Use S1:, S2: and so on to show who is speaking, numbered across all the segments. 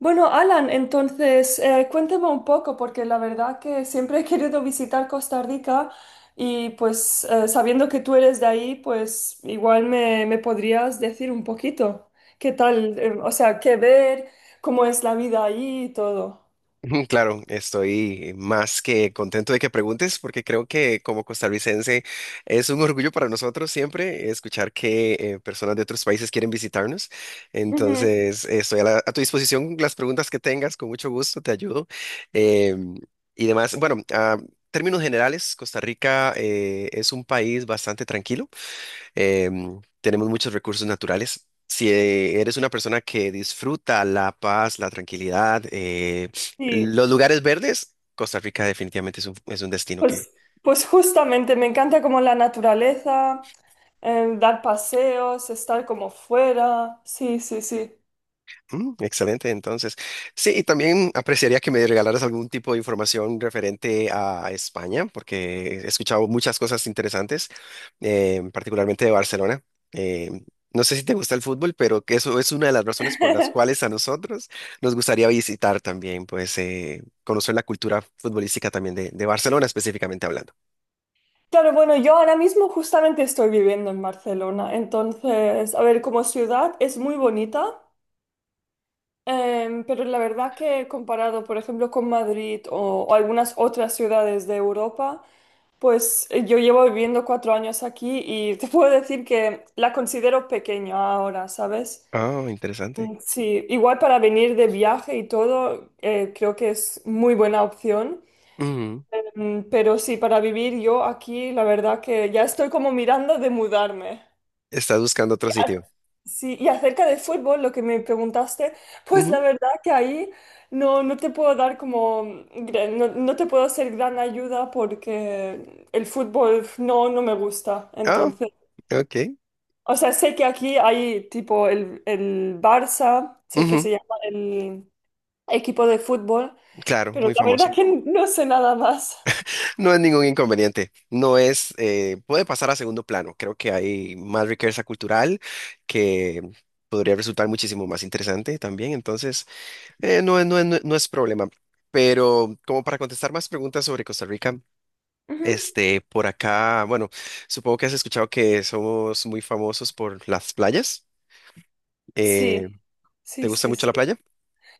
S1: Bueno, Alan, entonces cuéntame un poco, porque la verdad que siempre he querido visitar Costa Rica y pues sabiendo que tú eres de ahí, pues igual me podrías decir un poquito qué tal, o sea, qué ver, cómo es la vida ahí y todo.
S2: Claro, estoy más que contento de que preguntes porque creo que como costarricense es un orgullo para nosotros siempre escuchar que personas de otros países quieren visitarnos.
S1: Ujú.
S2: Entonces, estoy a tu disposición las preguntas que tengas, con mucho gusto te ayudo. Em, y demás, bueno, a términos generales, Costa Rica es un país bastante tranquilo. Tenemos muchos recursos naturales. Si eres una persona que disfruta la paz, la tranquilidad,
S1: Sí,
S2: los lugares verdes, Costa Rica definitivamente es un destino.
S1: pues, pues justamente me encanta como la naturaleza, dar paseos, estar como fuera, sí, sí, sí.
S2: Mm, excelente, entonces. Sí, y también apreciaría que me regalaras algún tipo de información referente a España, porque he escuchado muchas cosas interesantes, particularmente de Barcelona. Eh, no sé si te gusta el fútbol, pero que eso es una de las razones por las cuales a nosotros nos gustaría visitar también, pues conocer la cultura futbolística también de Barcelona específicamente hablando.
S1: Claro, bueno, yo ahora mismo justamente estoy viviendo en Barcelona, entonces, a ver, como ciudad es muy bonita, pero la verdad que comparado, por ejemplo, con Madrid o algunas otras ciudades de Europa, pues yo llevo viviendo 4 años aquí y te puedo decir que la considero pequeña ahora, ¿sabes?
S2: Ah, interesante.
S1: Mm. Sí, igual para venir de viaje y todo, creo que es muy buena opción.
S2: Ujú.
S1: Mm. Pero sí, para vivir yo aquí, la verdad que ya estoy como mirando de mudarme.
S2: Estás buscando otro
S1: A-
S2: sitio.
S1: Sí, y acerca del fútbol, lo que me preguntaste, pues la
S2: Ujú.
S1: verdad que ahí no, no te puedo dar como, gran- no, no te puedo ser gran ayuda porque el fútbol no, no me gusta.
S2: Ah,
S1: Entonces,
S2: ok.
S1: o sea, sé que aquí hay tipo el Barça, sé que
S2: Ujú.
S1: se llama el equipo de fútbol,
S2: Claro,
S1: pero
S2: muy
S1: la verdad
S2: famoso.
S1: que no sé nada más.
S2: No es ningún inconveniente, no es, puede pasar a segundo plano. Creo que hay más riqueza cultural que podría resultar muchísimo más interesante también, entonces no es problema. Pero como para contestar más preguntas sobre Costa Rica,
S1: Ujú.
S2: este, por acá, bueno, supongo que has escuchado que somos muy famosos por las playas. Eh,
S1: Sí,
S2: ¿Te
S1: sí,
S2: gusta
S1: sí,
S2: mucho
S1: sí.
S2: la playa?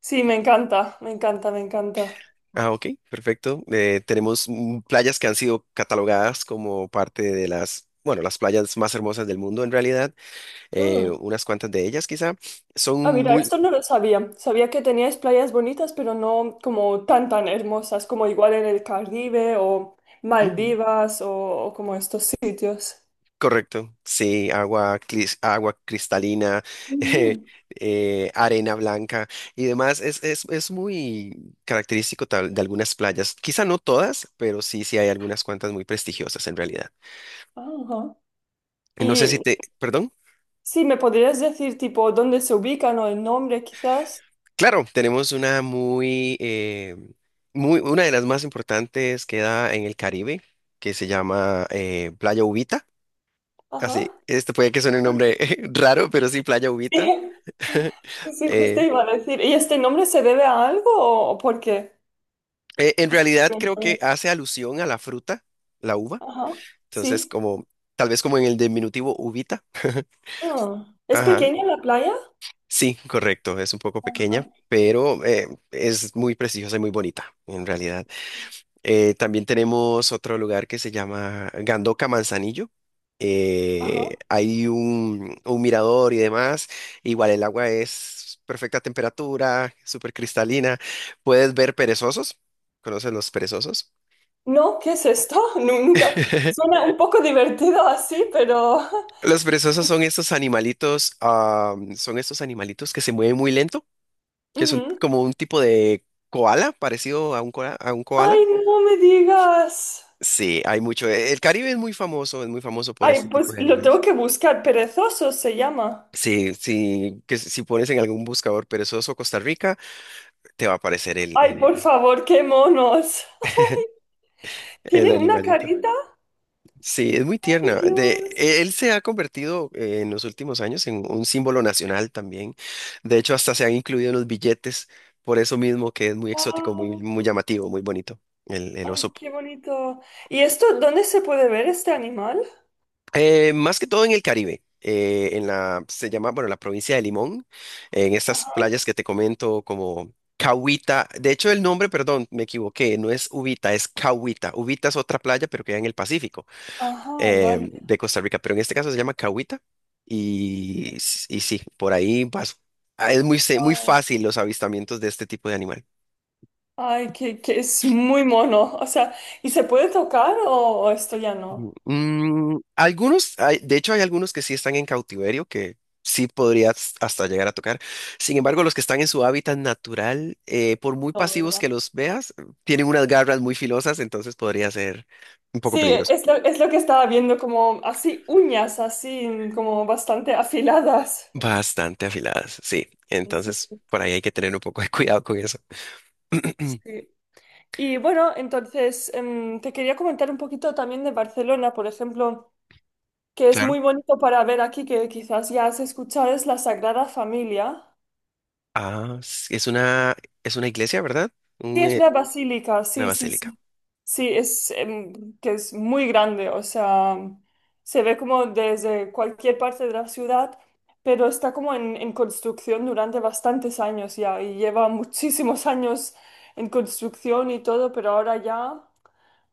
S1: Sí, me encanta, me encanta, me encanta.
S2: Ah, ok, perfecto. Tenemos mm, playas que han sido catalogadas como parte de las, bueno, las playas más hermosas del mundo en realidad,
S1: Mm.
S2: unas cuantas de ellas quizá,
S1: Ah,
S2: son
S1: mira,
S2: muy...
S1: esto no lo sabía. Sabía que teníais playas bonitas, pero no como tan tan hermosas, como igual en el Caribe o
S2: Ujú.
S1: Maldivas o como estos sitios.
S2: Correcto, sí, agua cristalina, eh,
S1: Ujú.
S2: arena blanca y demás. Es muy característico de algunas playas, quizá no todas, pero sí, sí hay algunas cuantas muy prestigiosas en realidad.
S1: Ajá.
S2: No sé si
S1: Y
S2: te, perdón.
S1: sí, ¿me podrías decir tipo dónde se ubican o el nombre quizás?
S2: Claro, tenemos una muy, una de las más importantes que da en el Caribe, que se llama Playa Ubita.
S1: Ajá.
S2: Así, este puede que suene un nombre raro, pero sí, Playa Ubita.
S1: Sí, sí, justo
S2: Eh,
S1: iba a decir. ¿Y este nombre se debe a algo o por qué?
S2: en
S1: O
S2: realidad creo que
S1: simplemente-
S2: hace alusión a la fruta, la uva.
S1: Ajá.
S2: Entonces,
S1: Sí.
S2: como, tal vez como en el diminutivo ubita.
S1: Ah. ¿Es
S2: Ajá.
S1: pequeña la playa?
S2: Sí, correcto, es un poco pequeña,
S1: Ajá.
S2: pero es muy preciosa y muy bonita, en realidad. También tenemos otro lugar que se llama Gandoca Manzanillo.
S1: Ajá.
S2: Hay un mirador y demás. Igual el agua es perfecta temperatura, súper cristalina. Puedes ver perezosos. ¿Conocen los perezosos?
S1: No, ¿qué es esto? Nu- Nunca. Suena un poco divertido así, pero...
S2: Los perezosos son estos animalitos, ah, son estos animalitos que se mueven muy lento, que son
S1: Ujú.
S2: como un tipo de koala, parecido a un koala, a un koala.
S1: Ay, no me digas.
S2: Sí, hay mucho. El Caribe es muy famoso por este
S1: Ay,
S2: tipo
S1: pues
S2: de
S1: lo tengo
S2: animales.
S1: que buscar. Perezosos se llama.
S2: Sí, sí, que si pones en algún buscador perezoso Costa Rica, te va a aparecer
S1: Ay, por favor, qué monos. Ay,
S2: el
S1: tienen una
S2: animalito.
S1: carita.
S2: Sí, es muy
S1: Ay,
S2: tierna.
S1: Dios.
S2: Él se ha convertido en los últimos años en un símbolo nacional también. De hecho, hasta se han incluido en los billetes, por eso mismo que es muy exótico, muy,
S1: Wow.
S2: muy llamativo, muy bonito, el
S1: Ay,
S2: oso.
S1: qué bonito. ¿Y esto, dónde se puede ver este animal?
S2: Más que todo en el Caribe, se llama, bueno, la provincia de Limón, en estas
S1: Ajá.
S2: playas que te comento como Cahuita, de hecho el nombre, perdón, me equivoqué, no es Ubita, es Cahuita, Ubita es otra playa, pero queda en el Pacífico
S1: Ajá, vale.
S2: de Costa Rica, pero en este caso se llama Cahuita y sí, por ahí vas, ah, muy
S1: Wow.
S2: fácil los avistamientos de este tipo de animales.
S1: Ay, que es muy mono. O sea, ¿y se puede tocar o esto ya no?
S2: Mm, algunos, de hecho hay algunos que sí están en cautiverio, que sí podrías hasta llegar a tocar. Sin embargo, los que están en su hábitat natural, por muy
S1: No,
S2: pasivos que
S1: ¿verdad?
S2: los veas, tienen unas garras muy filosas, entonces podría ser un poco
S1: Sí,
S2: peligroso.
S1: es lo que estaba viendo, como así uñas, así como bastante afiladas.
S2: Bastante afiladas, sí.
S1: Sí, sí,
S2: Entonces,
S1: sí.
S2: por ahí hay que tener un poco de cuidado con eso.
S1: Sí. Y bueno, entonces te quería comentar un poquito también de Barcelona, por ejemplo, que es
S2: Claro.
S1: muy bonito para ver aquí, que quizás ya has escuchado, es la Sagrada Familia.
S2: Ah, s- es una, es una iglesia, ¿verdad?
S1: Sí,
S2: Un,
S1: es
S2: eh,
S1: una basílica,
S2: una
S1: sí, sí,
S2: basílica.
S1: sí. Sí, es que es muy grande, o sea, se ve como desde cualquier parte de la ciudad, pero está como en construcción durante bastantes años ya y lleva muchísimos años en construcción y todo, pero ahora ya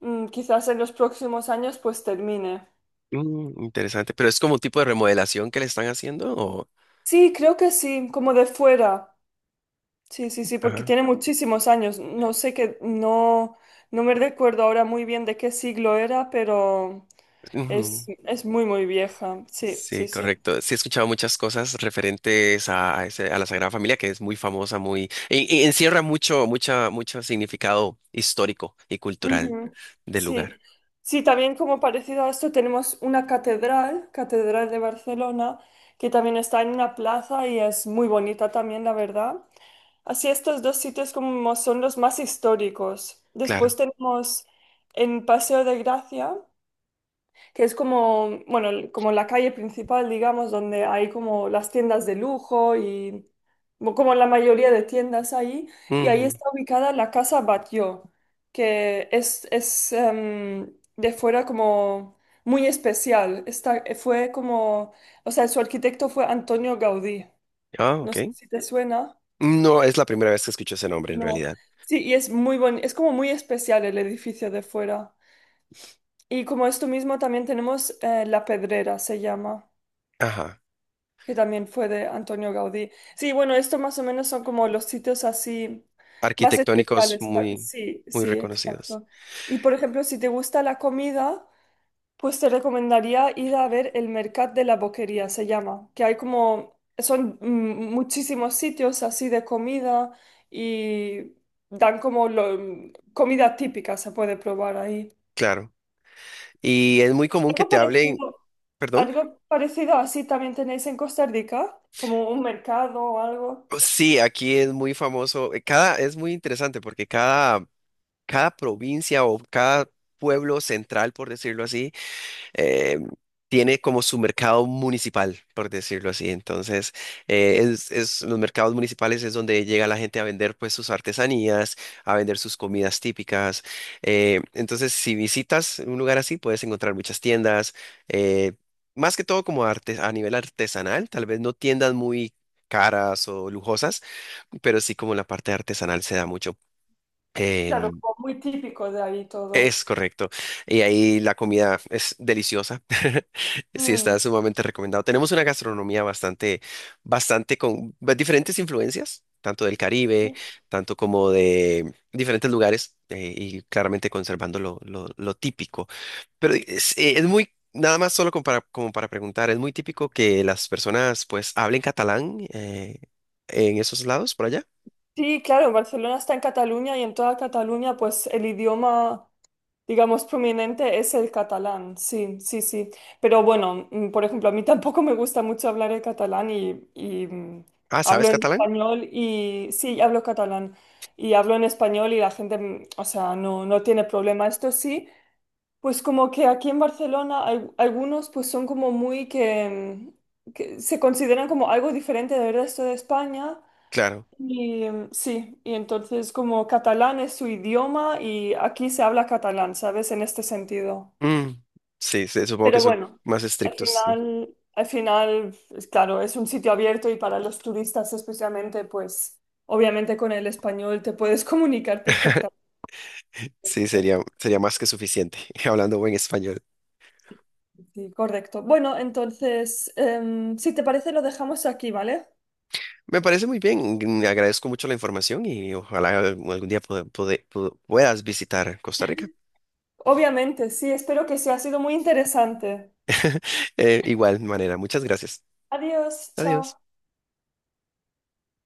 S1: mm, quizás en los próximos años pues termine.
S2: Mm, interesante. Pero es como un tipo de remodelación que le están haciendo, o...
S1: Sí, creo que sí, como de fuera. Sí, sí, sí, porque
S2: Ajá.
S1: tiene muchísimos años. No sé qué, no, no me recuerdo ahora muy bien de qué siglo era, pero es muy, muy vieja. Sí,
S2: Sí,
S1: sí, sí.
S2: correcto. Sí, he escuchado muchas cosas referentes a, a la Sagrada Familia, que es muy famosa, muy, encierra mucho, mucho significado histórico y cultural
S1: Ujú.
S2: del
S1: Sí.
S2: lugar.
S1: Sí, también como parecido a esto tenemos una catedral, Catedral de Barcelona, que también está en una plaza y es muy bonita también, la verdad. Así estos dos sitios como son los más históricos. Después
S2: Claro.
S1: tenemos en Paseo de Gracia. Que es como, bueno, como la calle principal, digamos, donde hay como las tiendas de lujo y mo- como la mayoría de tiendas ahí, y ahí
S2: Ujú.
S1: está ubicada la Casa Batlló, que es de fuera como muy especial. Está, fue como, o sea, su arquitecto fue Antonio Gaudí.
S2: Ah,
S1: No
S2: ok.
S1: sé si te suena.
S2: No es la primera vez que escucho ese nombre en
S1: No.
S2: realidad.
S1: Sí, y es muy bonito, es como muy especial el edificio de fuera. Y como esto mismo también tenemos La Pedrera, se llama.
S2: Ajá.
S1: Que también fue de Antonio Gaudí. Sí, bueno, esto más o menos son como los sitios así más
S2: Arquitectónicos
S1: especiales. Ah.
S2: muy,
S1: Sí,
S2: muy
S1: sí,
S2: reconocidos.
S1: exacto. Y por ejemplo, si te gusta la comida, pues te recomendaría ir a ver el Mercat de la Boquería, se llama, que hay como, son mm, muchísimos sitios así de comida y dan como lo- comida típica, se puede probar ahí.
S2: Claro. Y es muy común que
S1: Algo
S2: te hablen,
S1: parecido,
S2: perdón.
S1: algo parecido así también tenéis en Costa Rica, como un mercado o algo.
S2: Sí, aquí es muy famoso. Cada, es muy interesante porque cada provincia o cada pueblo central, por decirlo así, eh, tiene como su mercado municipal, por decirlo así. Entonces, los mercados municipales es donde llega la gente a vender pues sus artesanías, a vender sus comidas típicas. Entonces, si visitas un lugar así, puedes encontrar muchas tiendas, eh, más que todo como arte, a nivel artesanal, tal vez no tiendas muy caras o lujosas, pero sí como la parte artesanal se da mucho.
S1: Claro,
S2: em,
S1: como muy típico de ahí todo.
S2: es correcto. Y ahí la comida es deliciosa. Sí, está
S1: Mm.
S2: sumamente recomendado. Tenemos una gastronomía bastante, diferentes influencias, tanto del Caribe, tanto como de diferentes lugares, y claramente conservando lo típico. Pero es muy, nada más solo como para preguntar, es muy típico que las personas pues hablen catalán en esos lados, por allá.
S1: Sí, claro, Barcelona está en Cataluña y en toda Cataluña, pues el idioma, digamos, prominente es el catalán. Sí, sí, sí. Pero bueno, mm, por ejemplo, a mí tampoco me gusta mucho hablar el catalán y, mm,
S2: Ah, ¿sabes
S1: hablo en
S2: catalán?
S1: español y sí, hablo catalán y hablo en español y la gente, mm, o sea, no, no tiene problema. Esto sí. Pues como que aquí en Barcelona al- algunos pues son como muy que, mm, que se consideran como algo diferente del resto de España
S2: Claro.
S1: y mm, sí, y entonces como catalán es su idioma y aquí se habla catalán, ¿sabes? En este sentido.
S2: Mm, sí, sí, supongo que
S1: Pero
S2: son
S1: bueno,
S2: más estrictos.
S1: al final, es claro, es un sitio abierto y para los turistas especialmente, pues obviamente con el español te puedes comunicar perfectamente.
S2: Sí, sería, sería más que suficiente, hablando buen español.
S1: Sí, correcto. Bueno, entonces, si te parece, lo dejamos aquí, ¿vale?
S2: Me parece muy bien, mm, agradezco mucho la información y ojalá algún día puedas visitar Costa Rica.
S1: Obviamente, sí, espero que sí, ha sido muy interesante.
S2: Igual manera, muchas gracias.
S1: Adiós, chao.
S2: Adiós.